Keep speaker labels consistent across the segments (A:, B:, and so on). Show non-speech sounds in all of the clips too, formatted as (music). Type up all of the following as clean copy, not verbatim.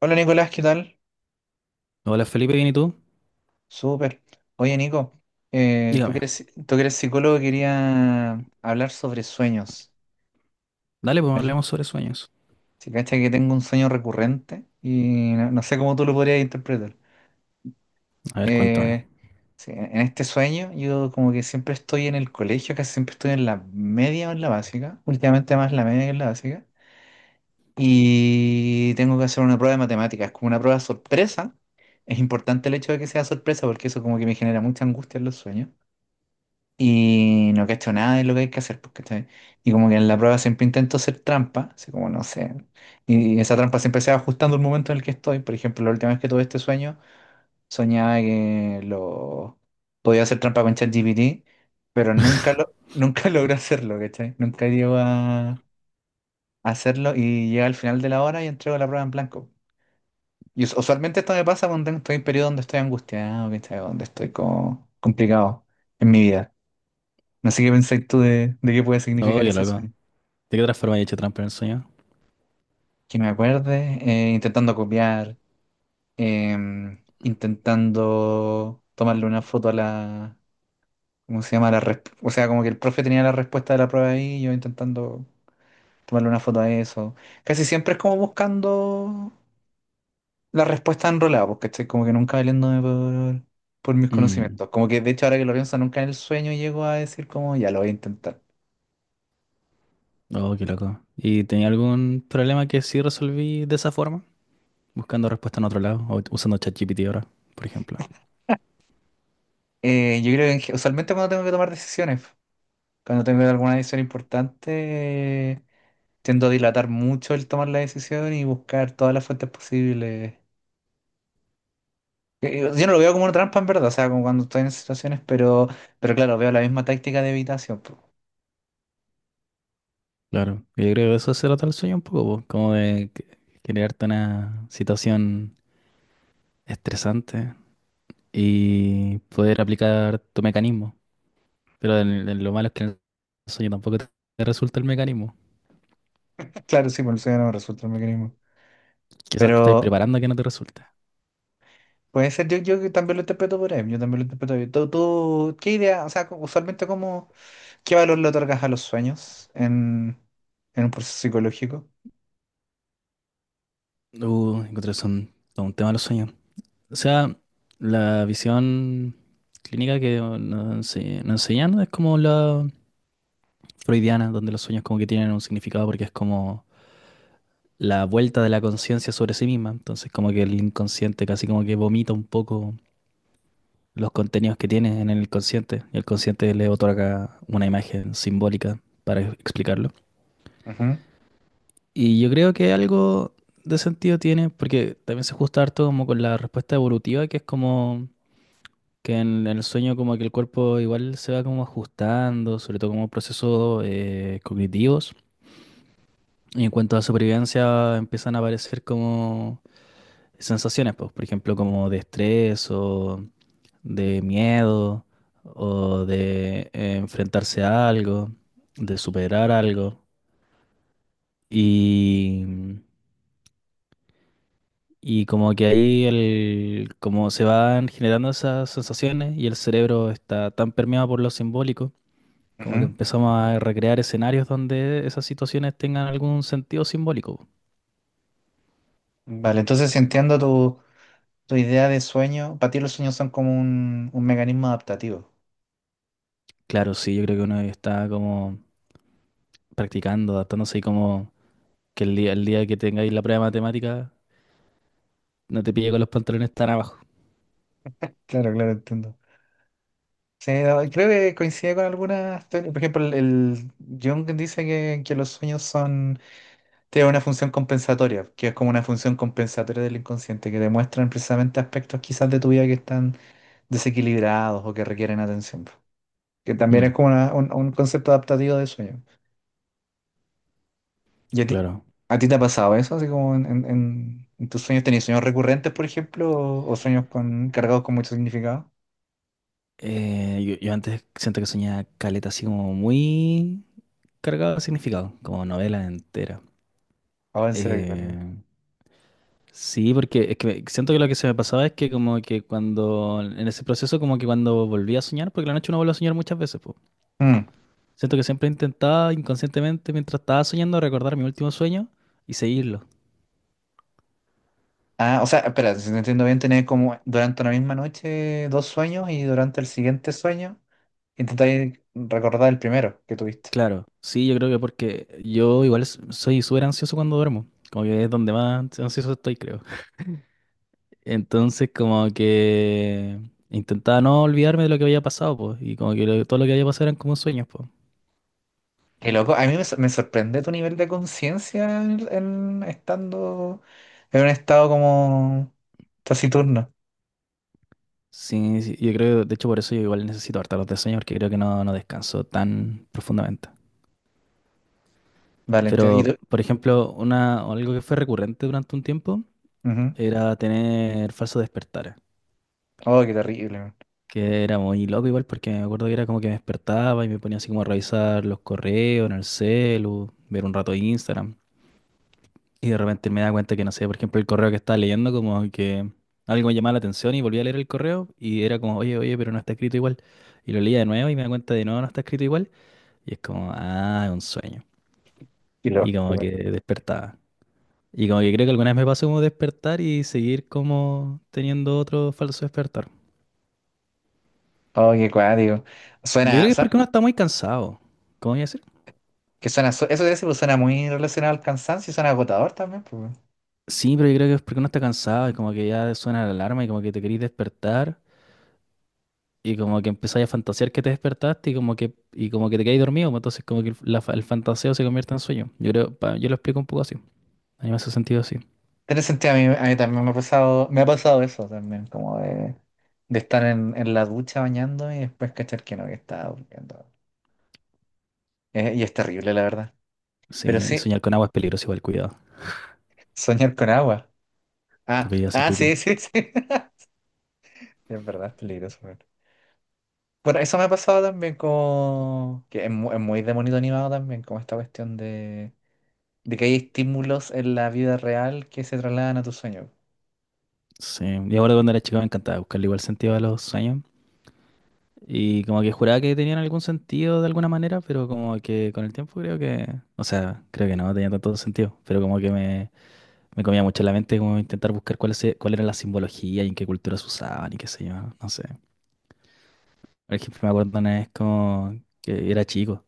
A: Hola Nicolás, ¿qué tal?
B: Hola Felipe, ¿bien y tú?
A: Súper. Oye Nico,
B: Dígame.
A: tú que eres psicólogo, quería hablar sobre sueños.
B: Dale, pues
A: A ver,
B: hablemos sobre sueños.
A: Si cacha que tengo un sueño recurrente y no sé cómo tú lo podrías interpretar.
B: A ver, cuéntame.
A: Eh, sí, en este sueño yo como que siempre estoy en el colegio, casi siempre estoy en la media o en la básica, últimamente más la media que en la básica, y tengo que hacer una prueba de matemáticas, como una prueba sorpresa. Es importante el hecho de que sea sorpresa porque eso como que me genera mucha angustia en los sueños. Y no cacho nada de lo que hay que hacer, porque Y como que en la prueba siempre intento hacer trampa, así como no sé. Y esa trampa siempre se va ajustando al momento en el que estoy. Por ejemplo, la última vez que tuve este sueño, soñaba que lo podía hacer trampa con ChatGPT, pero nunca (laughs) logré hacerlo, ¿cachai? Nunca llego a hacerlo y llega al final de la hora y entrego la prueba en blanco. Y usualmente esto me pasa cuando estoy en periodo donde estoy angustiado, ¿cachai? Donde estoy como complicado en mi vida. No sé qué pensáis tú de qué puede
B: Oh,
A: significar
B: qué
A: ese
B: loco.
A: sueño.
B: ¿De qué otra forma he hecho trampa en el sueño?
A: Que me acuerde, intentando copiar, intentando tomarle una foto a la, ¿cómo se llama? O sea, como que el profe tenía la respuesta de la prueba ahí, y yo intentando tomarle una foto a eso. Casi siempre es como buscando la respuesta enrolada, porque estoy como que nunca valiéndome por mis
B: Mm.
A: conocimientos. Como que de hecho ahora que lo pienso, nunca en el sueño llego a decir como, ya lo voy a intentar.
B: Oh, qué loco. ¿Y tenía algún problema que sí resolví de esa forma? Buscando respuesta en otro lado o usando ChatGPT ahora, por ejemplo.
A: Yo creo que en usualmente cuando tengo que tomar decisiones. Cuando tengo alguna decisión importante, tiendo a dilatar mucho el tomar la decisión y buscar todas las fuentes posibles. Yo no lo veo como una trampa en verdad, o sea, como cuando estoy en esas situaciones, pero claro, veo la misma táctica de evitación. Po.
B: Claro. Yo creo que eso se trata el sueño un poco, po, como de crearte una situación estresante y poder aplicar tu mecanismo. Pero lo malo es que en el sueño tampoco te resulta el mecanismo.
A: (laughs) Claro, sí, por eso ya no me resulta el mecanismo.
B: Quizás te estáis
A: Pero
B: preparando a que no te resulte.
A: puede ser, yo que también lo interpreto por ahí, yo también lo interpreto ahí. Tú, qué idea, o sea, usualmente cómo, qué valor le otorgas a los sueños en un proceso psicológico?
B: Encontré son todo un tema de los sueños. O sea, la visión clínica que nos nos enseñan es como la freudiana, donde los sueños como que tienen un significado porque es como la vuelta de la conciencia sobre sí misma. Entonces como que el inconsciente casi como que vomita un poco los contenidos que tiene en el consciente y el consciente le otorga una imagen simbólica para explicarlo.
A: Ujú,
B: Y yo creo que algo de sentido tiene, porque también se ajusta harto como con la respuesta evolutiva, que es como que en el sueño como que el cuerpo igual se va como ajustando, sobre todo como procesos cognitivos. Y en cuanto a supervivencia empiezan a aparecer como sensaciones, pues, por ejemplo, como de estrés o de miedo o de enfrentarse a algo, de superar algo. Y... Y como que ahí el, como se van generando esas sensaciones y el cerebro está tan permeado por lo simbólico, como que
A: ujú.
B: empezamos a recrear escenarios donde esas situaciones tengan algún sentido simbólico.
A: Vale, entonces si entiendo tu... tu idea de sueño, para ti los sueños son como un mecanismo adaptativo.
B: Claro, sí, yo creo que uno está como practicando, adaptándose y como que el día que tengáis la prueba de matemática no te pille con los pantalones tan abajo.
A: Claro, claro, entiendo. Sí, no, creo que coincide con algunas teorías. Por ejemplo, el Jung dice que los sueños son, tienen una función compensatoria, que es como una función compensatoria del inconsciente, que demuestran precisamente aspectos quizás de tu vida que están desequilibrados o que requieren atención. Que también es
B: Mm,
A: como un concepto adaptativo de sueño. ¿Y
B: claro.
A: a ti te ha pasado eso? Así como en tus sueños, ¿tenías sueños recurrentes, por ejemplo, o sueños con, cargados con mucho significado?
B: Yo antes siento que soñaba caleta así como muy cargado de significado, como novela entera.
A: Ahora en serio, que digo.
B: Eh, Sí, porque es que siento que lo que se me pasaba es que como que cuando, en ese proceso como que cuando volví a soñar, porque la noche uno vuelve a soñar muchas veces, po.
A: Mm.
B: Siento que siempre intentaba inconscientemente mientras estaba soñando recordar mi último sueño y seguirlo.
A: Ah, o sea, espera, si te entiendo bien, tenés como durante una misma noche dos sueños y durante el siguiente sueño intentáis recordar el primero que tuviste.
B: Claro, sí, yo creo que porque yo igual soy súper ansioso cuando duermo, como que es donde más ansioso estoy, creo. Entonces como que intentaba no olvidarme de lo que había pasado, pues, y como que todo lo que había pasado eran como sueños, pues.
A: Qué loco, a mí me, me sorprende tu nivel de conciencia en, estando en un estado como taciturno.
B: Sí, sí, yo creo, de hecho por eso yo igual necesito harta los de sueño porque creo que no descanso tan profundamente.
A: Vale, entiendo. Y
B: Pero,
A: tú-
B: por ejemplo, una, algo que fue recurrente durante un tiempo
A: ujú.
B: era tener falsos despertares,
A: Oh, qué terrible. Man.
B: que era muy loco igual porque me acuerdo que era como que me despertaba y me ponía así como a revisar los correos en el celu, ver un rato Instagram y de repente me daba cuenta que, no sé, por ejemplo, el correo que estaba leyendo como que algo me llamaba la atención y volví a leer el correo y era como, oye, oye, pero no está escrito igual. Y lo leía de nuevo y me da cuenta de no está escrito igual. Y es como, ah, es un sueño.
A: Qué loco,
B: Y como que despertaba. Y como que creo que alguna vez me pasó como despertar y seguir como teniendo otro falso despertar.
A: Oh, qué cuático.
B: Yo creo
A: Suena,
B: que es
A: su-
B: porque uno está muy cansado. ¿Cómo voy a decir?
A: que suena, su- eso de decir, pues, suena muy relacionado al cansancio y suena agotador también, pues.
B: Sí, pero yo creo que es porque uno está cansado y como que ya suena la alarma y como que te querís despertar y como que empezáis a fantasear que te despertaste y como que te quedáis dormido, pues. Entonces como que el, la el fantaseo se convierte en sueño. Yo creo, yo lo explico un poco así. A mí me hace sentido así.
A: Tiene sentido, a mí también me ha pasado eso también, como de estar en la ducha bañándome y después cachar que no, que estaba durmiendo. Y es terrible, la verdad. Pero
B: Sí, y
A: sí,
B: soñar con agua es peligroso igual, cuidado.
A: soñar con agua.
B: Te
A: Ah,
B: podía hacer
A: ah, sí,
B: pipí.
A: sí, sí. (laughs) Es verdad, es peligroso. Weón. Bueno, eso me ha pasado también como... que es, es muy de monito animado también, como esta cuestión de que hay estímulos en la vida real que se trasladan a tu sueño.
B: Sí, y ahora cuando era chico me encantaba buscarle igual sentido a los sueños. Y como que juraba que tenían algún sentido de alguna manera, pero como que con el tiempo creo que, o sea, creo que no tenía tanto sentido, pero como que me comía mucho la mente como intentar buscar cuál era la simbología y en qué cultura se usaban y qué sé yo, no sé. Por ejemplo, me acuerdo una vez como que era chico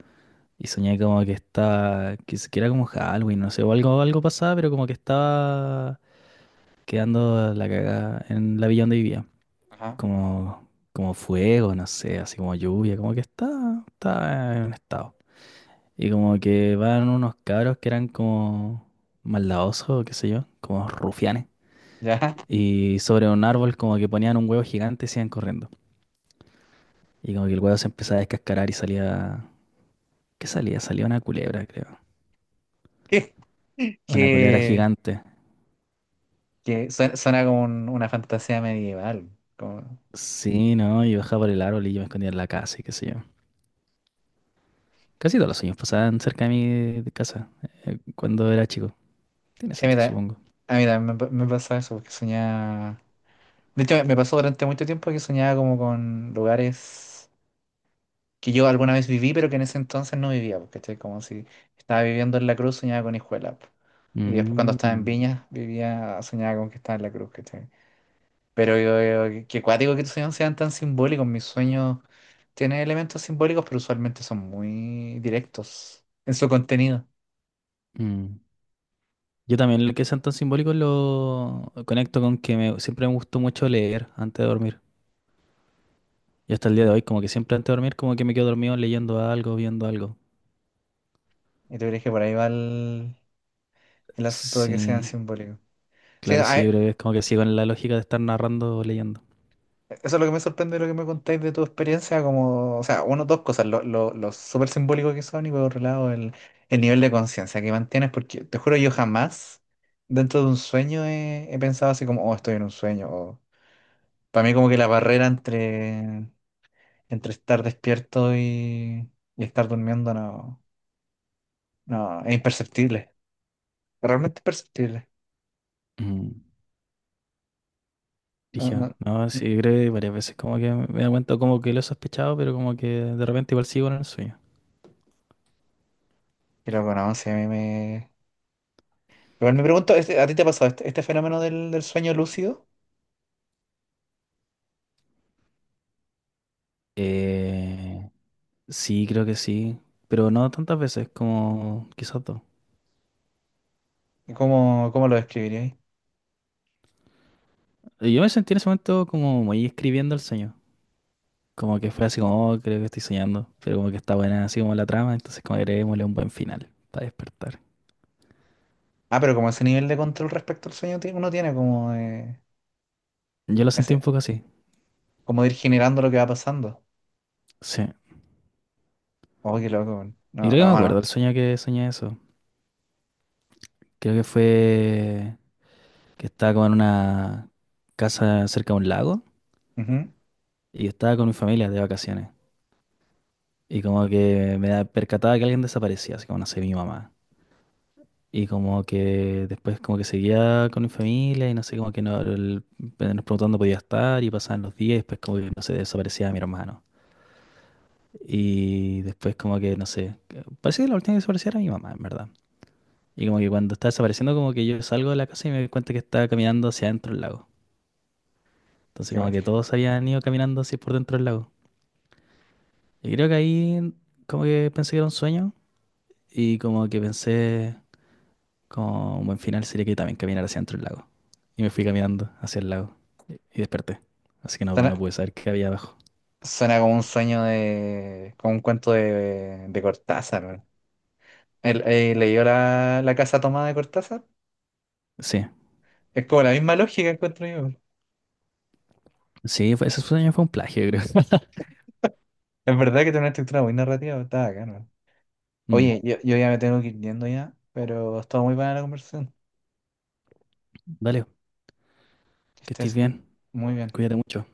B: y soñé como que estaba, que, que era como Halloween, no sé, o algo, algo pasaba, pero como que estaba quedando la cagada en la villa donde vivía.
A: Ajá.
B: Como, como fuego, no sé, así como lluvia, como que está en un estado. Y como que van unos cabros que eran como maldadosos, o qué sé yo, como rufianes.
A: ¿Ya?
B: Y sobre un árbol como que ponían un huevo gigante y se iban corriendo. Y como que el huevo se empezaba a descascarar y salía... ¿Qué salía? Salía una culebra, creo.
A: (laughs)
B: Una culebra
A: Que,
B: gigante.
A: que suena, suena como una fantasía medieval. Como-
B: Sí, ¿no? Y bajaba por el árbol y yo me escondía en la casa y qué sé yo. Casi todos los sueños pasaban cerca de mi casa cuando era chico. Tiene
A: Sí, a mí,
B: sentido,
A: ta-
B: supongo.
A: a mí también me, me pasaba eso, porque soñaba... De hecho, me pasó durante mucho tiempo que soñaba como con lugares que yo alguna vez viví, pero que en ese entonces no vivía, porque como si estaba viviendo en La Cruz, soñaba con Hijuela. Po. Y después cuando estaba en
B: Mm,
A: Viña, vivía, soñaba con que estaba en La Cruz, Pero qué cuático que tus sueños sean tan simbólicos. Mis sueños tienen elementos simbólicos, pero usualmente son muy directos en su contenido.
B: mm. Yo también lo que sean tan simbólicos lo conecto con que me, siempre me gustó mucho leer antes de dormir. Y hasta el día de
A: ¿No?
B: hoy, como que siempre antes de dormir, como que me quedo dormido leyendo algo, viendo algo.
A: Y tú crees que por ahí va el asunto de que sean
B: Sí,
A: simbólicos. Sí,
B: claro, sí, yo creo que es como que sigo en la lógica de estar narrando o leyendo.
A: eso es lo que me sorprende de lo que me contáis de tu experiencia, como, o sea, uno, dos cosas, lo súper simbólico que son y por otro lado el nivel de conciencia que mantienes, porque te juro yo jamás dentro de un sueño he, he pensado así como, oh, estoy en un sueño, o para mí como que la barrera entre Entre estar despierto y estar durmiendo, no, es imperceptible, realmente imperceptible.
B: Mm.
A: No,
B: Dije,
A: no,
B: ah, no,
A: no.
B: sí, creo que varias veces como que me da cuenta, como que lo he sospechado, pero como que de repente igual sigo en el sueño.
A: Y luego, no, sí a mí me... Igual me pregunto, este- ¿a ti te ha pasado este, este fenómeno del sueño lúcido?
B: Eh, sí, creo que sí, pero no tantas veces, como quizás dos.
A: ¿Y ¿Cómo, cómo lo describirías?
B: Y yo me sentí en ese momento como muy escribiendo el sueño. Como que fue así como, "Oh, creo que estoy soñando. Pero como que está buena así como la trama, entonces como agreguémosle un buen final para despertar."
A: Ah, pero como ese nivel de control respecto al sueño ti- uno tiene, como de,
B: Yo lo sentí un
A: ese,
B: poco así.
A: como de ir generando lo que va pasando.
B: Sí.
A: Oh, qué loco. Weón.
B: Y
A: No,
B: creo que me
A: no, no.
B: acuerdo el sueño que soñé eso. Creo que fue que estaba como en una casa cerca de un lago
A: Ujú.
B: y estaba con mi familia de vacaciones. Y como que me percataba que alguien desaparecía, así como no sé, mi mamá. Y como que después como que seguía con mi familia y no sé, como que no, nos preguntando dónde podía estar y pasaban los días y después como que, no sé, desaparecía mi hermano. Y después como que, no sé, parece que la última que desapareció era mi mamá, en verdad. Y como que cuando está desapareciendo como que yo salgo de la casa y me doy cuenta que estaba caminando hacia adentro del lago. Entonces
A: Qué
B: como
A: bueno.
B: que todos habían ido caminando así por dentro del lago. Y creo que ahí como que pensé que era un sueño y como que pensé... Como un buen final sería que también caminara hacia dentro del lago. Y me fui caminando hacia el lago y desperté. Así que
A: Suena,
B: no pude saber qué había abajo.
A: suena como un sueño de... como un cuento de Cortázar, leyó la casa tomada de Cortázar.
B: Sí,
A: Es como la misma lógica encuentro yo.
B: sí, ese sueño fue un plagio, creo. (laughs)
A: Es verdad que tiene una estructura muy narrativa, está acá, ¿no?
B: Mm.
A: Oye, yo ya me tengo que ir yendo ya, pero estuvo muy buena la conversación.
B: Dale,
A: Que
B: que estés
A: estés
B: bien.
A: muy bien.
B: Cuídate mucho.